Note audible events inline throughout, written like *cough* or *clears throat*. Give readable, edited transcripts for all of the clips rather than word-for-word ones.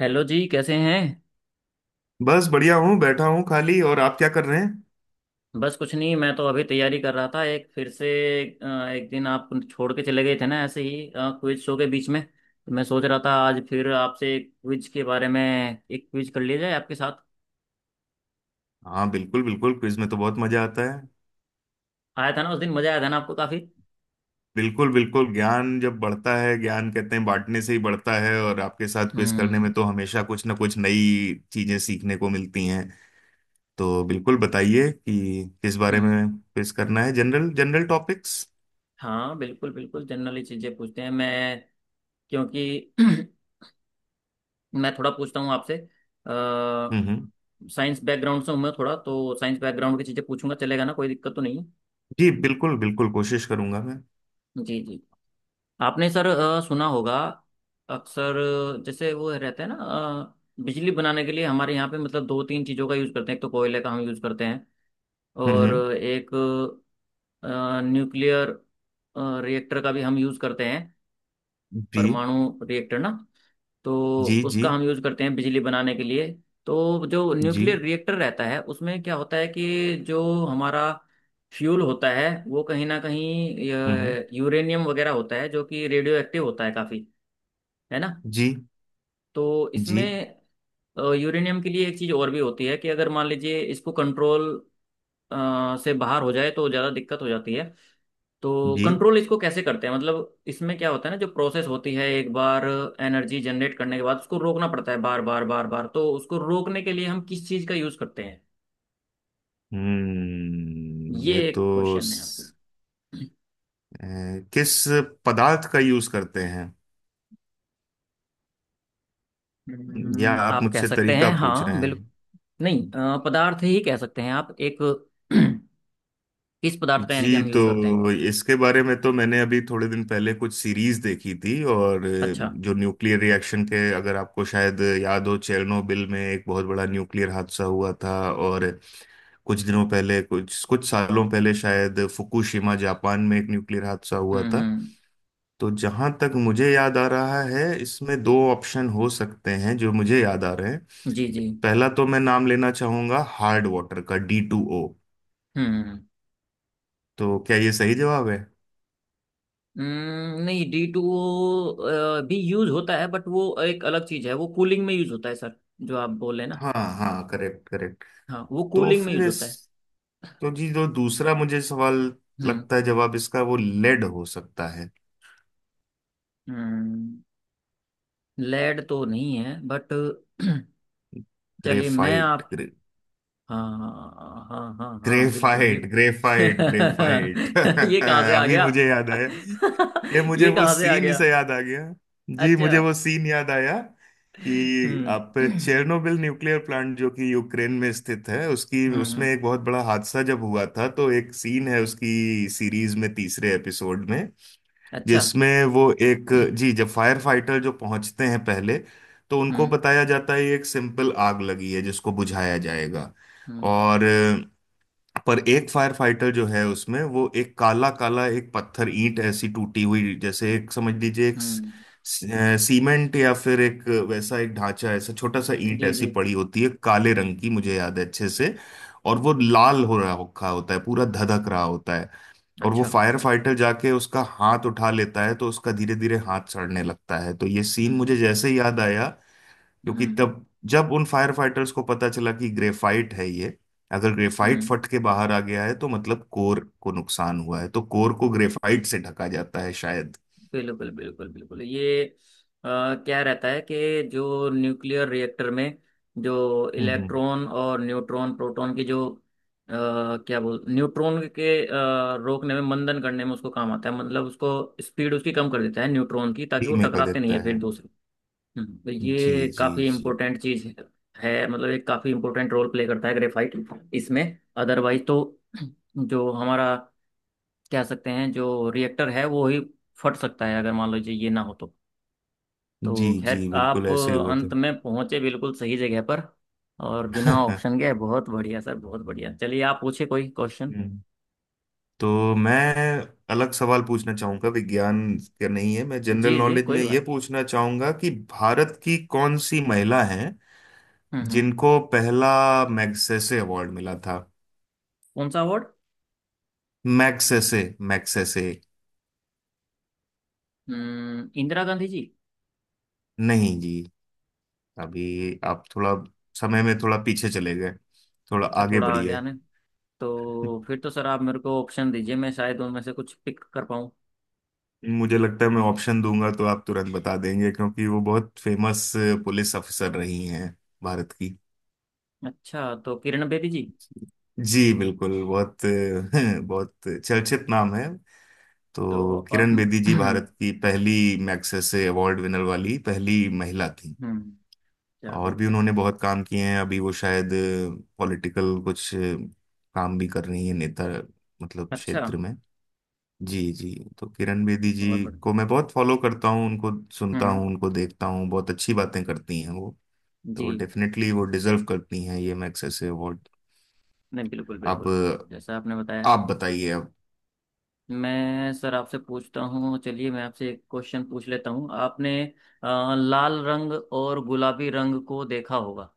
Hello जी कैसे हैं। बस बढ़िया हूँ, बैठा हूँ खाली। और आप क्या कर रहे हैं? बस कुछ नहीं, मैं तो अभी तैयारी कर रहा था एक फिर से। एक दिन आप छोड़ के चले गए थे ना ऐसे ही क्विज शो के बीच में, तो मैं सोच रहा था आज फिर आपसे क्विज के बारे में एक क्विज कर लिया जाए आपके साथ। हाँ, बिल्कुल बिल्कुल, क्विज में तो बहुत मजा आता है। आया था ना उस दिन, मजा आया था ना आपको काफी। बिल्कुल बिल्कुल, ज्ञान जब बढ़ता है, ज्ञान कहते हैं बांटने से ही बढ़ता है, और आपके साथ क्विज करने में हम्म। तो हमेशा कुछ ना कुछ नई चीजें सीखने को मिलती हैं। तो बिल्कुल बताइए कि किस बारे हम्म। में क्विज करना है, जनरल जनरल टॉपिक्स। हाँ बिल्कुल बिल्कुल, जनरली चीजें पूछते हैं मैं, क्योंकि *clears throat* मैं थोड़ा पूछता हूँ आपसे। हम्म। साइंस बैकग्राउंड से हूँ मैं, थोड़ा तो साइंस बैकग्राउंड की चीजें पूछूंगा, चलेगा ना? कोई दिक्कत तो नहीं है? जी बिल्कुल बिल्कुल, कोशिश करूंगा मैं। जी जी। आपने सर सुना होगा अक्सर। जैसे वो रहते हैं ना, बिजली बनाने के लिए हमारे यहाँ पे मतलब दो तीन चीज़ों का यूज़ करते हैं। एक तो कोयले का हम यूज़ करते हैं, और हम्म। एक अ, न्यूक्लियर रिएक्टर का भी हम यूज़ करते हैं। जी परमाणु रिएक्टर ना, तो जी जी उसका हम यूज़ करते हैं बिजली बनाने के लिए। तो जो जी। न्यूक्लियर रिएक्टर रहता है, उसमें क्या होता है कि जो हमारा फ्यूल होता है वो कहीं ना कहीं हम्म हम्म, यूरेनियम वगैरह होता है, जो कि रेडियो एक्टिव होता है काफ़ी, है ना। जी तो जी इसमें यूरेनियम के लिए एक चीज और भी होती है कि अगर मान लीजिए इसको कंट्रोल से बाहर हो जाए तो ज्यादा दिक्कत हो जाती है। तो जी। कंट्रोल इसको कैसे करते हैं, मतलब इसमें क्या होता है ना, जो प्रोसेस होती है एक बार एनर्जी जनरेट करने के बाद उसको रोकना पड़ता है बार बार बार बार, तो उसको रोकने के लिए हम किस चीज का यूज करते हैं? हम्म, ये ये एक तो क्वेश्चन है आपको। स- अ, किस पदार्थ का यूज करते हैं? या आप आप कह मुझसे सकते तरीका हैं, पूछ रहे हाँ हैं? बिल्कुल। नहीं, पदार्थ ही कह सकते हैं आप एक *clears throat* किस पदार्थ का यानी कि जी, हम यूज करते हैं। तो इसके बारे में तो मैंने अभी थोड़े दिन पहले कुछ सीरीज देखी थी, और अच्छा। जो न्यूक्लियर रिएक्शन के, अगर आपको शायद याद हो, चेरनोबिल में एक बहुत बड़ा न्यूक्लियर हादसा हुआ था। और कुछ दिनों पहले, कुछ कुछ सालों पहले, शायद फुकुशिमा जापान में एक न्यूक्लियर हादसा हुआ हम्म था। हम्म। तो जहां तक मुझे याद आ रहा है, इसमें दो ऑप्शन हो सकते हैं जो मुझे याद आ रहे हैं। जी जी। पहला तो मैं नाम लेना चाहूंगा, हार्ड वाटर का, D2O। हम्म तो क्या ये सही जवाब है? नहीं, डी टू भी यूज होता है बट वो एक अलग चीज है, वो कूलिंग में यूज होता है सर, जो आप बोले ना। हाँ हाँ, करेक्ट करेक्ट। हाँ, वो तो कूलिंग में फिर यूज इस होता है। तो जी, जो दूसरा मुझे सवाल हम्म। लगता है, जवाब इसका वो लेड हो सकता है। हम्म। लेड तो नहीं है बट *clears throat* चलिए मैं ग्रेफाइट आप, हाँ हाँ हाँ हाँ बिल्कुल ग्रेफाइट बिल्कुल। ग्रेफाइट ग्रेफाइट *laughs* *laughs* ये कहाँ से आ अभी गया। मुझे याद आया। ये *laughs* मुझे ये वो कहाँ से आ सीन गया। से याद आ गया। जी, अच्छा। मुझे वो सीन याद आया कि हम्म आप *clears throat* हम्म। चेर्नोबिल न्यूक्लियर प्लांट, जो कि यूक्रेन में स्थित है, उसकी उसमें हम्म, एक बहुत बड़ा हादसा जब हुआ था, तो एक सीन है उसकी सीरीज में, तीसरे एपिसोड में, अच्छा। जिसमें वो एक, जी *clears throat* जब फायर फाइटर जो पहुंचते हैं पहले, तो उनको हम्म। बताया जाता है ये एक सिंपल आग लगी है जिसको बुझाया जाएगा। हम्म। और, पर एक फायर फाइटर जो है, उसमें वो एक काला काला, एक पत्थर ईंट ऐसी टूटी हुई, जैसे एक समझ लीजिए, एक हम्म। सीमेंट या फिर एक वैसा एक ढांचा ऐसा, छोटा सा ईंट जी ऐसी जी। पड़ी होती है काले रंग की, मुझे याद है अच्छे से। और वो लाल हो रहा रखा होता है, पूरा धधक रहा होता है। और वो अच्छा। फायर फाइटर जाके उसका हाथ उठा लेता है, तो उसका धीरे धीरे हाथ सड़ने लगता है। तो ये सीन मुझे हम्म। जैसे ही याद आया, क्योंकि हम्म। तब, जब उन फायर फाइटर्स को पता चला कि ग्रेफाइट है ये, अगर ग्रेफाइट हम्म, फट के बाहर आ गया है तो मतलब कोर को नुकसान हुआ है, तो कोर को ग्रेफाइट से ढका जाता है शायद। बिल्कुल बिल्कुल बिल्कुल, ये अ, क्या रहता है कि जो न्यूक्लियर रिएक्टर में जो हम्म, इलेक्ट्रॉन और न्यूट्रॉन प्रोटॉन की जो क्या बोल, न्यूट्रॉन के रोकने में, मंदन करने में उसको काम आता है, मतलब उसको स्पीड उसकी कम कर देता है, न्यूट्रॉन की, ताकि फ्री वो में कर टकराते नहीं देता है है। फिर दूसरे। तो जी ये जी काफी जी। इंपॉर्टेंट चीज है मतलब, एक काफी इंपॉर्टेंट रोल प्ले करता है ग्रेफाइट इसमें। अदरवाइज तो जो हमारा, कह सकते हैं, जो रिएक्टर है वो ही फट सकता है अगर मान लीजिए ये ना हो तो। जी तो जी खैर आप बिल्कुल, ऐसे ही हुए थे। अंत में पहुंचे बिल्कुल सही जगह पर, और बिना *laughs* ऑप्शन के। बहुत बढ़िया सर, बहुत बढ़िया। चलिए आप पूछे कोई क्वेश्चन। हम्म। तो मैं अलग सवाल पूछना चाहूंगा। विज्ञान का नहीं है, मैं जनरल जी जी, नॉलेज में कोई ये बात। पूछना चाहूंगा कि भारत की कौन सी महिला हैं हम्म। जिनको पहला मैग्सेसे अवार्ड मिला था? कौन सा अवार्ड? Magsaysay, Magsaysay. हम्म, इंदिरा गांधी जी। नहीं जी, अभी आप थोड़ा समय में थोड़ा पीछे चले गए। थोड़ा अच्छा आगे थोड़ा आ बढ़िए। गया ना, तो फिर तो सर आप मेरे को ऑप्शन दीजिए, मैं शायद उनमें से कुछ पिक कर पाऊँ। मुझे लगता है मैं ऑप्शन दूंगा तो आप तुरंत बता देंगे, क्योंकि वो बहुत फेमस पुलिस ऑफिसर रही हैं भारत की। अच्छा, तो किरण बेदी जी। जी बिल्कुल, बहुत *laughs* बहुत चर्चित नाम है। तो तो आप किरण बेदी *clears throat* जी हम्म, भारत की पहली मैग्सेसे अवार्ड विनर वाली पहली महिला थी। क्या और है? भी उन्होंने बहुत काम किए हैं। अभी वो शायद पॉलिटिकल कुछ काम भी कर रही है, नेता मतलब अच्छा, क्षेत्र में। जी जी। तो किरण बेदी बहुत जी बढ़िया। को मैं बहुत फॉलो करता हूँ, उनको सुनता हम्म। हूँ, उनको देखता हूँ, बहुत अच्छी बातें करती हैं वो। तो जी। डेफिनेटली वो डिजर्व करती हैं ये मैग्सेसे से अवार्ड। नहीं, बिल्कुल अब बिल्कुल, जैसा आपने बताया। आप बताइए अब। मैं सर आपसे पूछता हूँ, चलिए मैं आपसे एक क्वेश्चन पूछ लेता हूँ। आपने लाल रंग और गुलाबी रंग को देखा होगा,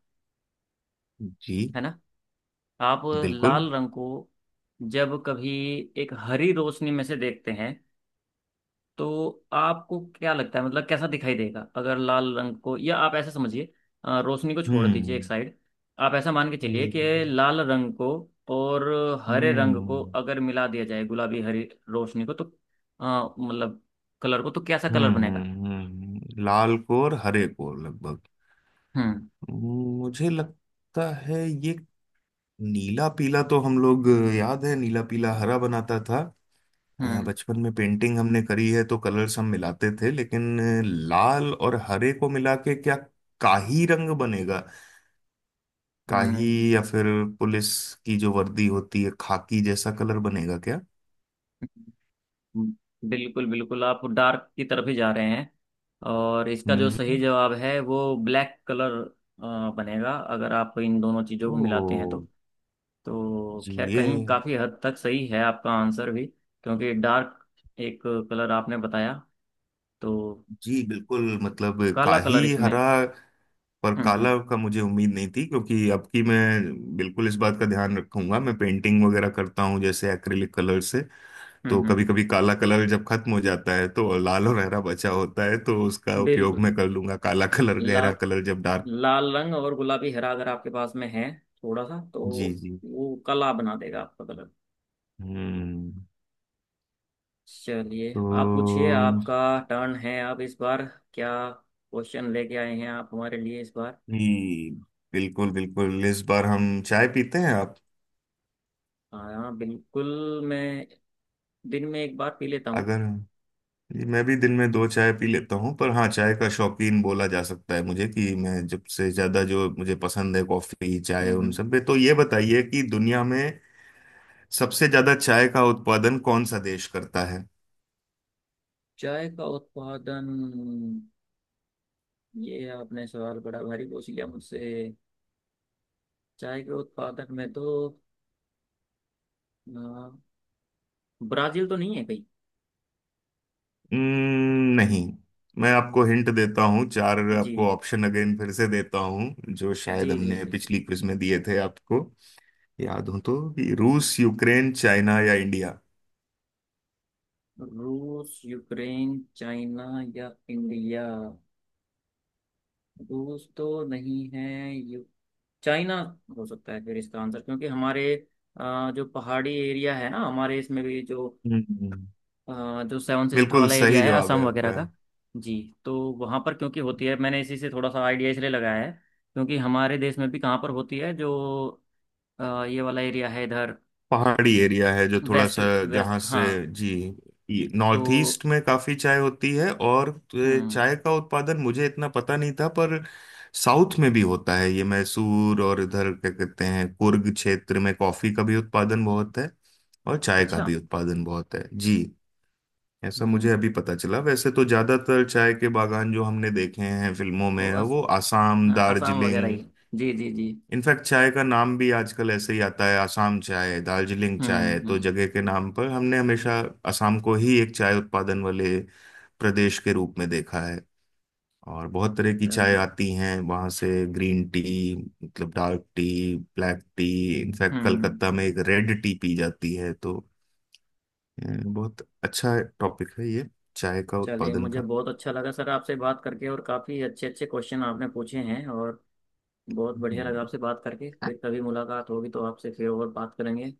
जी है ना? आप बिल्कुल। लाल रंग को जब कभी एक हरी रोशनी में से देखते हैं, तो आपको क्या लगता है, मतलब कैसा दिखाई देगा अगर लाल रंग को, या आप ऐसा समझिए, रोशनी को छोड़ दीजिए एक हम्म साइड। आप ऐसा मान के चलिए कि हम्म लाल रंग को और हरे रंग को हम्म अगर मिला दिया जाए, गुलाबी हरी रोशनी को, तो मतलब कलर को, तो कैसा कलर बनेगा? लाल कोर हरे कोर लगभग, हम्म मुझे लगता है ये, नीला पीला तो हम लोग, याद है नीला पीला हरा बनाता था, हम्म। बचपन में पेंटिंग हमने करी है तो कलर्स हम मिलाते थे। लेकिन लाल और हरे को मिला के क्या काही रंग बनेगा? काही, हम्म। या फिर पुलिस की जो वर्दी होती है खाकी जैसा कलर बनेगा क्या? बिल्कुल बिल्कुल, आप डार्क की तरफ ही जा रहे हैं, और इसका जो सही हम्म। जवाब है वो ब्लैक कलर बनेगा अगर आप इन दोनों चीज़ों ओ। को मिलाते हैं तो। तो जी खैर ये, कहीं काफ़ी हद तक सही है आपका आंसर भी, क्योंकि डार्क एक कलर आपने बताया, तो जी बिल्कुल, मतलब काला काही कलर इसमें। हरा। पर काला हम्म। का मुझे उम्मीद नहीं थी। क्योंकि अब की मैं बिल्कुल इस बात का ध्यान रखूंगा, मैं पेंटिंग वगैरह करता हूँ जैसे एक्रिलिक कलर से, तो हम्म। कभी कभी काला कलर जब खत्म हो जाता है तो लाल और हरा बचा होता है, तो उसका उपयोग बिल्कुल। मैं कर लूंगा काला कलर, लाल, गहरा कलर जब डार्क। लाल रंग और गुलाबी हरा अगर आपके पास में है थोड़ा सा, तो जी जी। वो काला बना देगा आपका कलर। हम्म। चलिए, तो आप पूछिए, आपका टर्न है। आप इस बार क्या क्वेश्चन लेके आए हैं आप हमारे लिए इस बार? जी बिल्कुल बिल्कुल, इस बार हम चाय पीते हैं आप? हाँ बिल्कुल, मैं दिन में एक बार पी लेता हूँ। अगर, जी मैं भी दिन में दो चाय पी लेता हूँ, पर हाँ चाय का शौकीन बोला जा सकता है मुझे कि मैं, जब से ज्यादा जो मुझे पसंद है कॉफी चाय उन हम्म। सब में। तो ये बताइए कि दुनिया में सबसे ज्यादा चाय का उत्पादन कौन सा देश करता है? चाय का उत्पादन, ये आपने सवाल बड़ा भारी पूछ लिया मुझसे। चाय के उत्पादन में तो अ, ब्राजील तो नहीं है कहीं। नहीं, मैं आपको हिंट देता हूँ। चार जी आपको ऑप्शन अगेन फिर से देता हूँ जो शायद जी जी हमने जी जी। पिछली क्विज में दिए थे आपको, याद हो तो। कि रूस, यूक्रेन, चाइना या इंडिया? रूस यूक्रेन चाइना या इंडिया। रूस तो नहीं है, यू, चाइना हो सकता है फिर इसका आंसर, क्योंकि हमारे जो पहाड़ी एरिया है ना हमारे इसमें भी जो हम्म, जो सेवन सिस्टर बिल्कुल वाला एरिया सही है, जवाब है असम वगैरह आपका। का। जी, तो वहाँ पर क्योंकि होती है, मैंने इसी से थोड़ा सा आइडिया इसलिए लगाया है। क्योंकि हमारे देश में भी कहाँ पर होती है जो ये वाला एरिया है इधर, पहाड़ी एरिया है जो थोड़ा वेस्ट, सा, वेस्ट, जहाँ से, हाँ। जी तो नॉर्थ ईस्ट में काफी चाय होती है। और हम्म, चाय का उत्पादन मुझे इतना पता नहीं था, पर साउथ में भी होता है ये मैसूर और इधर क्या कहते हैं कुर्ग क्षेत्र में, कॉफी का भी उत्पादन बहुत है और चाय का अच्छा। भी उत्पादन बहुत है जी। ऐसा हम्म। मुझे अभी पता चला, वैसे तो ज्यादातर चाय के बागान जो हमने देखे हैं फिल्मों और में, वो आसाम, हाँ असम वगैरह दार्जिलिंग। ही। जी जी जी। इनफैक्ट चाय का नाम भी आजकल ऐसे ही आता है, आसाम चाय, दार्जिलिंग चाय। तो हम्म। जगह के नाम पर हमने हमेशा आसाम को ही एक चाय उत्पादन वाले प्रदेश के रूप में देखा है। और बहुत तरह की चाय चलिए, आती हैं वहाँ से, ग्रीन टी, मतलब dark tea, black tea, in fact हम्म। कलकत्ता में एक रेड टी पी जाती है तो, बहुत अच्छा टॉपिक है ये, चाय का चलिए, उत्पादन मुझे का। बहुत अच्छा लगा सर आपसे बात करके, और काफ़ी अच्छे अच्छे क्वेश्चन आपने पूछे हैं, और बहुत बढ़िया हम्म। लगा आपसे बात करके। फिर कभी मुलाकात होगी तो आपसे फिर और बात करेंगे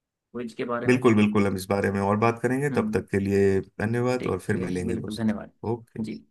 क्विज के बारे में। बिल्कुल बिल्कुल, हम इस बारे में और बात करेंगे। तब हम्म, तक के लिए धन्यवाद और ठीक फिर है मिलेंगे बिल्कुल, दोस्त। धन्यवाद ओके। जी।